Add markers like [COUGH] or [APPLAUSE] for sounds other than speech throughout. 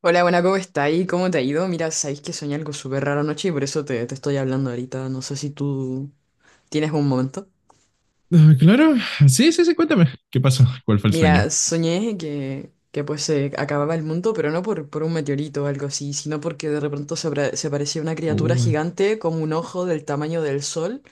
Hola, buena, ¿cómo está? ¿Y ¿cómo te ha ido? Mira, sabéis que soñé algo súper raro anoche y por eso te estoy hablando ahorita. No sé si tú tienes un momento. Ah, claro, sí, sí, sí, cuéntame. ¿Qué pasó? ¿Cuál fue el sueño? Mira, soñé que pues se acababa el mundo, pero no por un meteorito o algo así, sino porque de repente se aparecía una criatura Uy. gigante como un ojo del tamaño del sol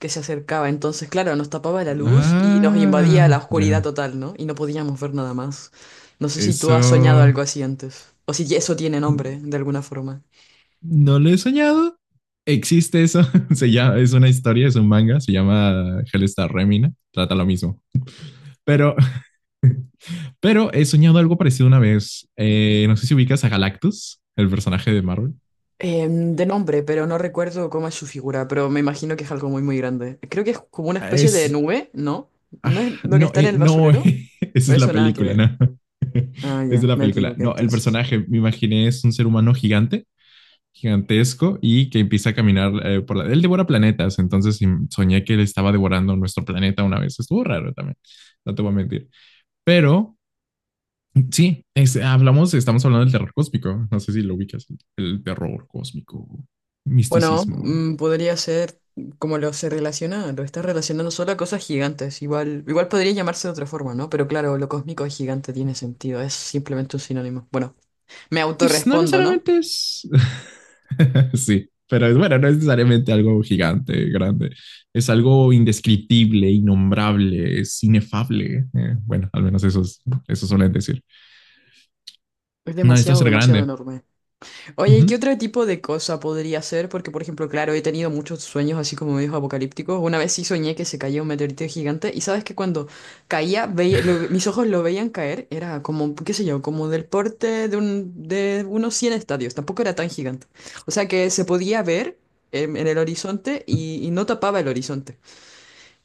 que se acercaba. Entonces, claro, nos tapaba la luz y nos invadía la Ah, ya. oscuridad total, ¿no? Y no podíamos ver nada más. No sé si tú Eso has soñado algo así antes, o si eso tiene nombre de alguna forma. no lo he soñado. Existe eso. [LAUGHS] Se llama, es una historia, es un manga, se llama Hellstar Remina. Trata lo mismo. Pero, pero he soñado algo parecido una vez. No sé si ubicas a Galactus, el personaje de Marvel. De nombre, pero no recuerdo cómo es su figura, pero me imagino que es algo muy, muy grande. Creo que es como una especie de Es. nube, ¿no? Ah, ¿No es lo que no, está en el no, basurero? [LAUGHS] esa es la Eso nada que película, ver. ¿no? [LAUGHS] Ah, Esa es ya, la me película. equivoqué No, el entonces. personaje, me imaginé, es un ser humano gigante gigantesco y que empieza a caminar por la... Él devora planetas, entonces soñé que él estaba devorando nuestro planeta una vez. Estuvo raro también, no te voy a mentir. Pero sí, es, hablamos, estamos hablando del terror cósmico. No sé si lo ubicas, el terror cósmico, Bueno, misticismo. Podría ser como lo se relaciona, lo está relacionando solo a cosas gigantes. Igual podría llamarse de otra forma, ¿no? Pero claro, lo cósmico es gigante, tiene sentido, es simplemente un sinónimo. Bueno, me Pues no autorrespondo, ¿no? necesariamente es... [LAUGHS] sí, pero es bueno, no es necesariamente algo gigante, grande. Es algo indescriptible, innombrable, es inefable. Bueno, al menos eso, es, eso suelen decir. Es No necesita demasiado, ser demasiado grande. enorme. Oye, ¿y Ujú. qué otro tipo de cosa podría ser? Porque, por ejemplo, claro, he tenido muchos sueños así como medios apocalípticos. Una vez sí soñé que se caía un meteorito gigante, y sabes que cuando caía, mis ojos lo veían caer. Era como, qué sé yo, como del porte de unos 100 estadios. Tampoco era tan gigante. O sea que se podía ver en el horizonte, y no tapaba el horizonte.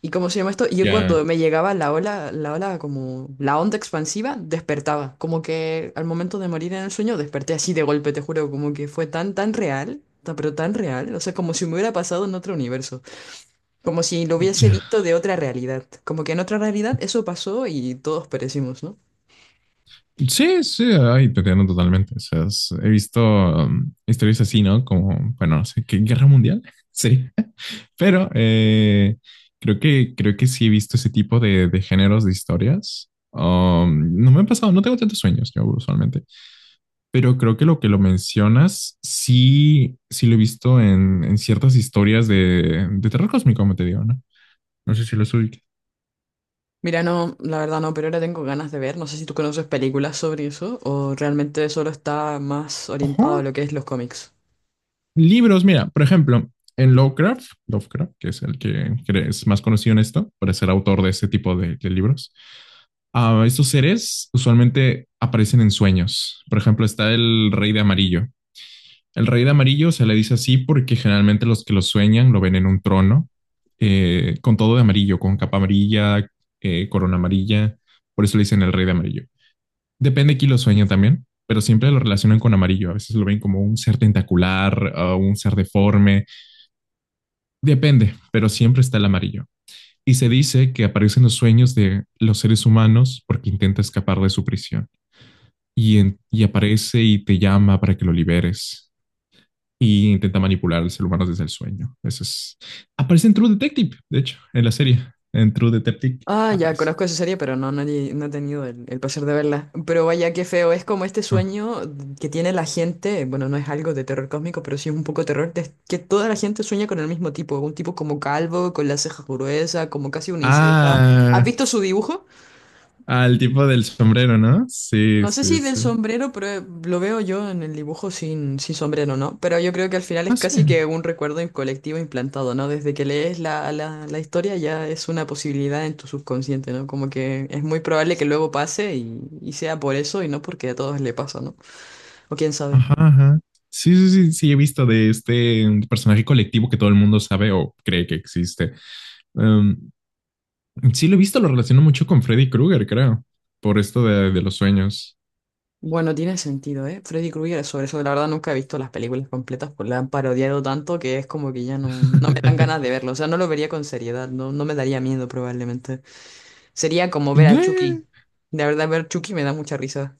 ¿Y cómo se llama esto? Yo Ya. cuando me llegaba la ola, como la onda expansiva, despertaba. Como que al momento de morir en el sueño desperté así de golpe, te juro, como que fue tan, tan real, pero tan real. O sea, como si me hubiera pasado en otro universo. Como si lo hubiese Ya. visto de otra realidad. Como que en otra realidad eso pasó y todos perecimos, ¿no? Sí, sí, ahí te entiendo totalmente. O sea, he visto historias así, ¿no? Como, bueno, no sé, ¿qué guerra mundial? [LAUGHS] Sí. Pero creo que sí he visto ese tipo de géneros de historias. No me han pasado, no tengo tantos sueños yo usualmente, pero creo que lo mencionas sí, sí lo he visto en ciertas historias de terror cósmico, como te digo, ¿no? No sé si lo ubicas. Mira, no, la verdad no, pero ahora tengo ganas de ver. No sé si tú conoces películas sobre eso, o realmente solo está más orientado a lo que es los cómics. Libros, mira, por ejemplo, en Lovecraft, que es el que es más conocido en esto, por ser autor de este tipo de libros, estos seres usualmente aparecen en sueños. Por ejemplo, está el rey de amarillo. El rey de amarillo se le dice así porque generalmente los que lo sueñan lo ven en un trono, con todo de amarillo, con capa amarilla, corona amarilla. Por eso le dicen el rey de amarillo. Depende de quién lo sueña también, pero siempre lo relacionan con amarillo. A veces lo ven como un ser tentacular, un ser deforme. Depende, pero siempre está el amarillo. Y se dice que aparecen los sueños de los seres humanos porque intenta escapar de su prisión. Y, y aparece y te llama para que lo liberes. Y intenta manipular al ser humano desde el sueño. Eso es. Aparece en True Detective, de hecho, en la serie. En True Detective Ah, ya aparece. conozco esa serie, pero no, no, he no he tenido el placer de verla. Pero vaya, qué feo. Es como este Ah, sueño que tiene la gente. Bueno, no es algo de terror cósmico, pero sí es un poco terror, que toda la gente sueña con el mismo tipo. Un tipo como calvo, con las cejas gruesas, como casi uniceja. ¿Has ah, visto su dibujo? al tipo del sombrero, ¿no? Sí, No sé sí, si del sí. sombrero, pero lo veo yo en el dibujo sin sombrero, ¿no? Pero yo creo que al final es Ah, sí. casi que un recuerdo colectivo implantado, ¿no? Desde que lees la historia ya es una posibilidad en tu subconsciente, ¿no? Como que es muy probable que luego pase, y sea por eso y no porque a todos le pasa, ¿no? O quién sabe. Ajá, ajá. Sí, sí, sí, sí, he visto de este personaje colectivo que todo el mundo sabe o cree que existe. Em, sí, lo he visto, lo relaciono mucho con Freddy Krueger, creo, por esto de los sueños. Bueno, tiene sentido, ¿eh? Freddy Krueger sobre eso. La verdad nunca he visto las películas completas, pues la han parodiado tanto que es como que ya no me dan ganas de [LAUGHS] verlo. O sea, no lo vería con seriedad, no me daría miedo probablemente. Sería como ver a Chucky. Yeah, La verdad, ver Chucky me da mucha risa.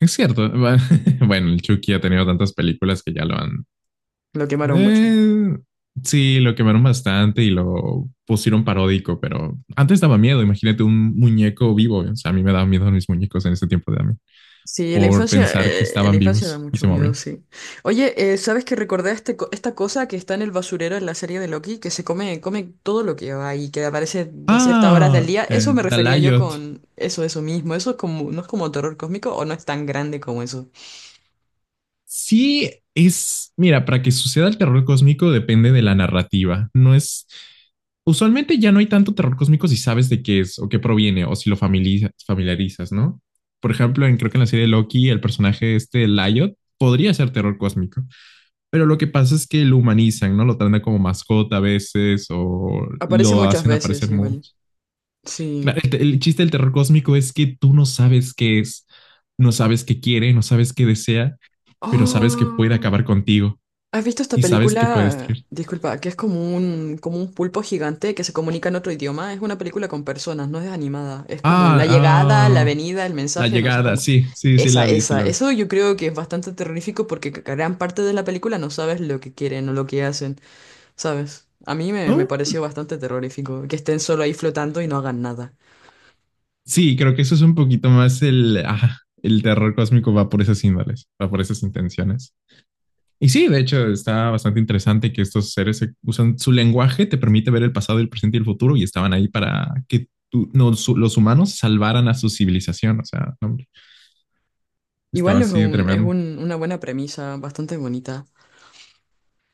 es cierto. [LAUGHS] Bueno, el Chucky ha tenido tantas películas que ya lo han... Lo quemaron mucho. eh, sí, lo quemaron bastante y lo pusieron paródico, pero antes daba miedo. Imagínate un muñeco vivo. O sea, a mí me daban miedo mis muñecos en ese tiempo de mí Sí, la por infancia, pensar que en la estaban infancia da vivos y mucho se miedo, movían. sí. Oye, ¿sabes que recordé esta cosa que está en el basurero en la serie de Loki? Que se come todo lo que va y que aparece de ciertas horas del Ah, día. Eso me refería yo Dalayot. con eso, eso mismo. Eso es como, no es como terror cósmico, o no es tan grande como eso. Sí, es, mira, para que suceda el terror cósmico depende de la narrativa. No es, usualmente ya no hay tanto terror cósmico si sabes de qué es o qué proviene o si lo familiarizas, ¿no? Por ejemplo, en, creo que en la serie de Loki, el personaje este, Lyot, podría ser terror cósmico, pero lo que pasa es que lo humanizan, ¿no? Lo tratan como mascota a veces o Aparece lo muchas hacen veces aparecer igual. mucho. Sí. Claro, el chiste del terror cósmico es que tú no sabes qué es, no sabes qué quiere, no sabes qué desea, pero sabes que puede Oh. acabar contigo ¿Has visto esta y sabes que puede película? destruir. Disculpa, que es como un pulpo gigante que se comunica en otro idioma. Es una película con personas, no es animada. Es como Ah, la llegada, la ah, venida, el la mensaje, no sé llegada, cómo. sí, sí, sí Esa, la vi, sí esa. la vi. Eso yo creo que es bastante terrorífico porque gran parte de la película no sabes lo que quieren o lo que hacen, ¿sabes? A mí me Oh, pareció bastante terrorífico que estén solo ahí flotando y no hagan nada. sí, creo que eso es un poquito más el, ah, el terror cósmico va por esas índoles, va por esas intenciones. Y sí, de hecho, está bastante interesante que estos seres usan su lenguaje, te permite ver el pasado, el presente y el futuro, y estaban ahí para que los humanos salvaran a su civilización. O sea, no, hombre, estaba Igual es así de un, es tremendo. un- una buena premisa, bastante bonita.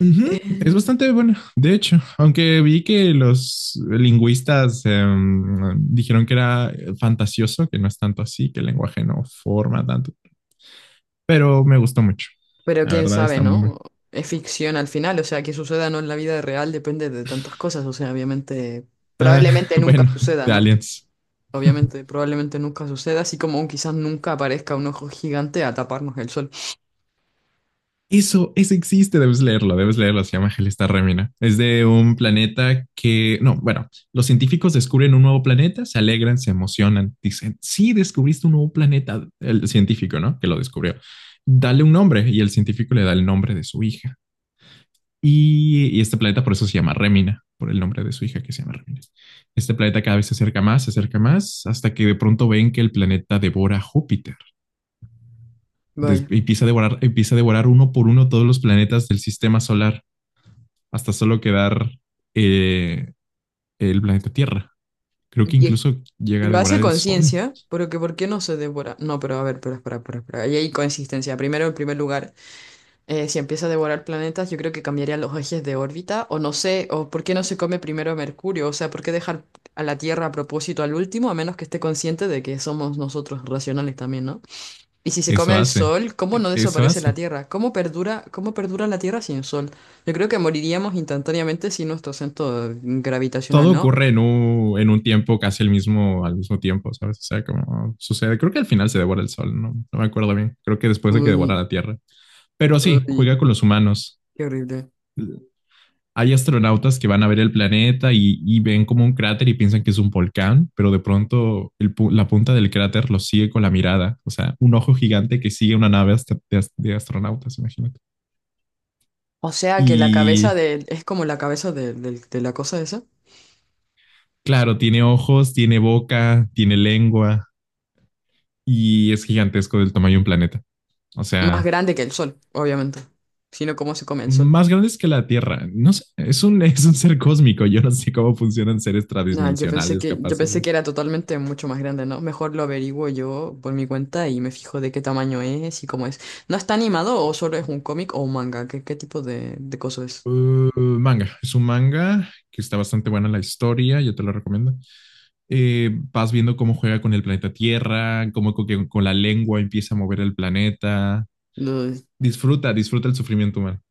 Ujú, es Eh, bastante bueno, de hecho, aunque vi que los lingüistas dijeron que era fantasioso, que no es tanto así, que el lenguaje no forma tanto, pero me gustó mucho. Pero La quién verdad sabe, está muy... ¿no? Es ficción al final, o sea, que suceda o no en la vida real depende de tantas cosas, o sea, obviamente, Eh, probablemente [LAUGHS] nunca bueno, suceda, de ¿no? Aliens. Obviamente, probablemente nunca suceda, así como quizás nunca aparezca un ojo gigante a taparnos el sol. Eso existe, debes leerlo, se llama Gelesta Remina. Es de un planeta que, no, bueno, los científicos descubren un nuevo planeta, se alegran, se emocionan, dicen, sí, descubriste un nuevo planeta, el científico, ¿no? Que lo descubrió. Dale un nombre y el científico le da el nombre de su hija. Y este planeta por eso se llama Remina, por el nombre de su hija que se llama Remina. Este planeta cada vez se acerca más, hasta que de pronto ven que el planeta devora Júpiter. Vaya. Empieza a devorar uno por uno todos los planetas del sistema solar hasta solo quedar eh, el planeta Tierra. Creo que Y es- incluso llega a lo hace a devorar el Sol. conciencia, ¿pero que por qué no se devora? No, pero a ver, pero espera, espera, espera. Ahí hay consistencia. Primero, en primer lugar. Si empieza a devorar planetas, yo creo que cambiaría los ejes de órbita, o no sé, o por qué no se come primero a Mercurio. O sea, por qué dejar a la Tierra a propósito al último, a menos que esté consciente de que somos nosotros racionales también, ¿no? Y si se come Eso el hace, Sol, ¿cómo no eso desaparece la hace. Tierra? cómo perdura, la Tierra sin Sol? Yo creo que moriríamos instantáneamente sin nuestro centro gravitacional, Todo ¿no? ocurre en un tiempo casi el mismo, al mismo tiempo, ¿sabes? O sea, como sucede. Creo que al final se devora el sol, no, no me acuerdo bien. Creo que después de que devora Uy, la Tierra. Pero sí, uy, juega con los humanos. qué horrible. Hay astronautas que van a ver el planeta y ven como un cráter y piensan que es un volcán, pero de pronto el la punta del cráter lo sigue con la mirada, o sea, un ojo gigante que sigue una nave de, de astronautas, imagínate. O sea que la cabeza Y de, es como la cabeza de la cosa esa. claro, tiene ojos, tiene boca, tiene lengua y es gigantesco del tamaño de un planeta. O Más sea, grande que el Sol, obviamente. Sino cómo se come el Sol. más grandes que la Tierra. No sé, es un, [LAUGHS] es un ser cósmico. Yo no sé cómo funcionan seres Nada, yo pensé tradimensionales que, yo capaces pensé de... que era totalmente mucho más grande, ¿no? Mejor lo averiguo yo por mi cuenta y me fijo de qué tamaño es y cómo es. ¿No está animado, o solo es un cómic o un manga? ¿Qué tipo de cosa es? Manga, es un manga que está bastante buena la historia, yo te lo recomiendo. Vas viendo cómo juega con el planeta Tierra, que con la lengua empieza a mover el planeta. Lo- Disfruta, disfruta el sufrimiento humano,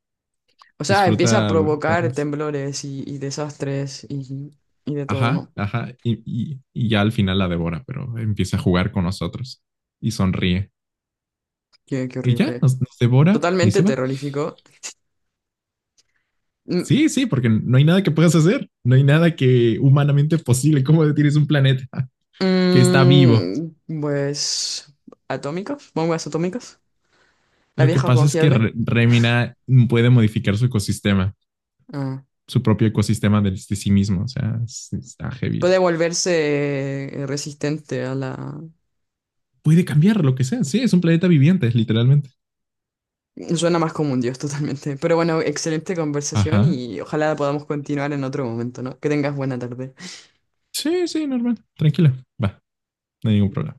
O sea, empieza a disfruta provocar vernos. temblores, y desastres, y de todo, Ajá, ¿no? ajá, y ya al final la devora, pero empieza a jugar con nosotros y sonríe. Qué Y ya, horrible. nos, nos devora y se Totalmente va. terrorífico. Mm, Sí, sí, porque no hay nada que puedas hacer, no hay nada que humanamente posible. ¿Cómo detienes un planeta que está vivo? Pues… ¿atómicos? ¿Bombas atómicas? ¿La Lo que vieja pasa es que confiable? Remina puede modificar su ecosistema, Ah. su propio ecosistema de sí mismo. O sea, está heavy. Puede volverse resistente a la. Puede cambiar lo que sea. Sí, es un planeta viviente, literalmente. Suena más como un dios [LAUGHS] totalmente. Pero bueno, excelente conversación, Ajá. y ojalá podamos continuar en otro momento, ¿no? Que tengas buena tarde. Sí, sí, normal. Tranquila. Va, no hay ningún problema.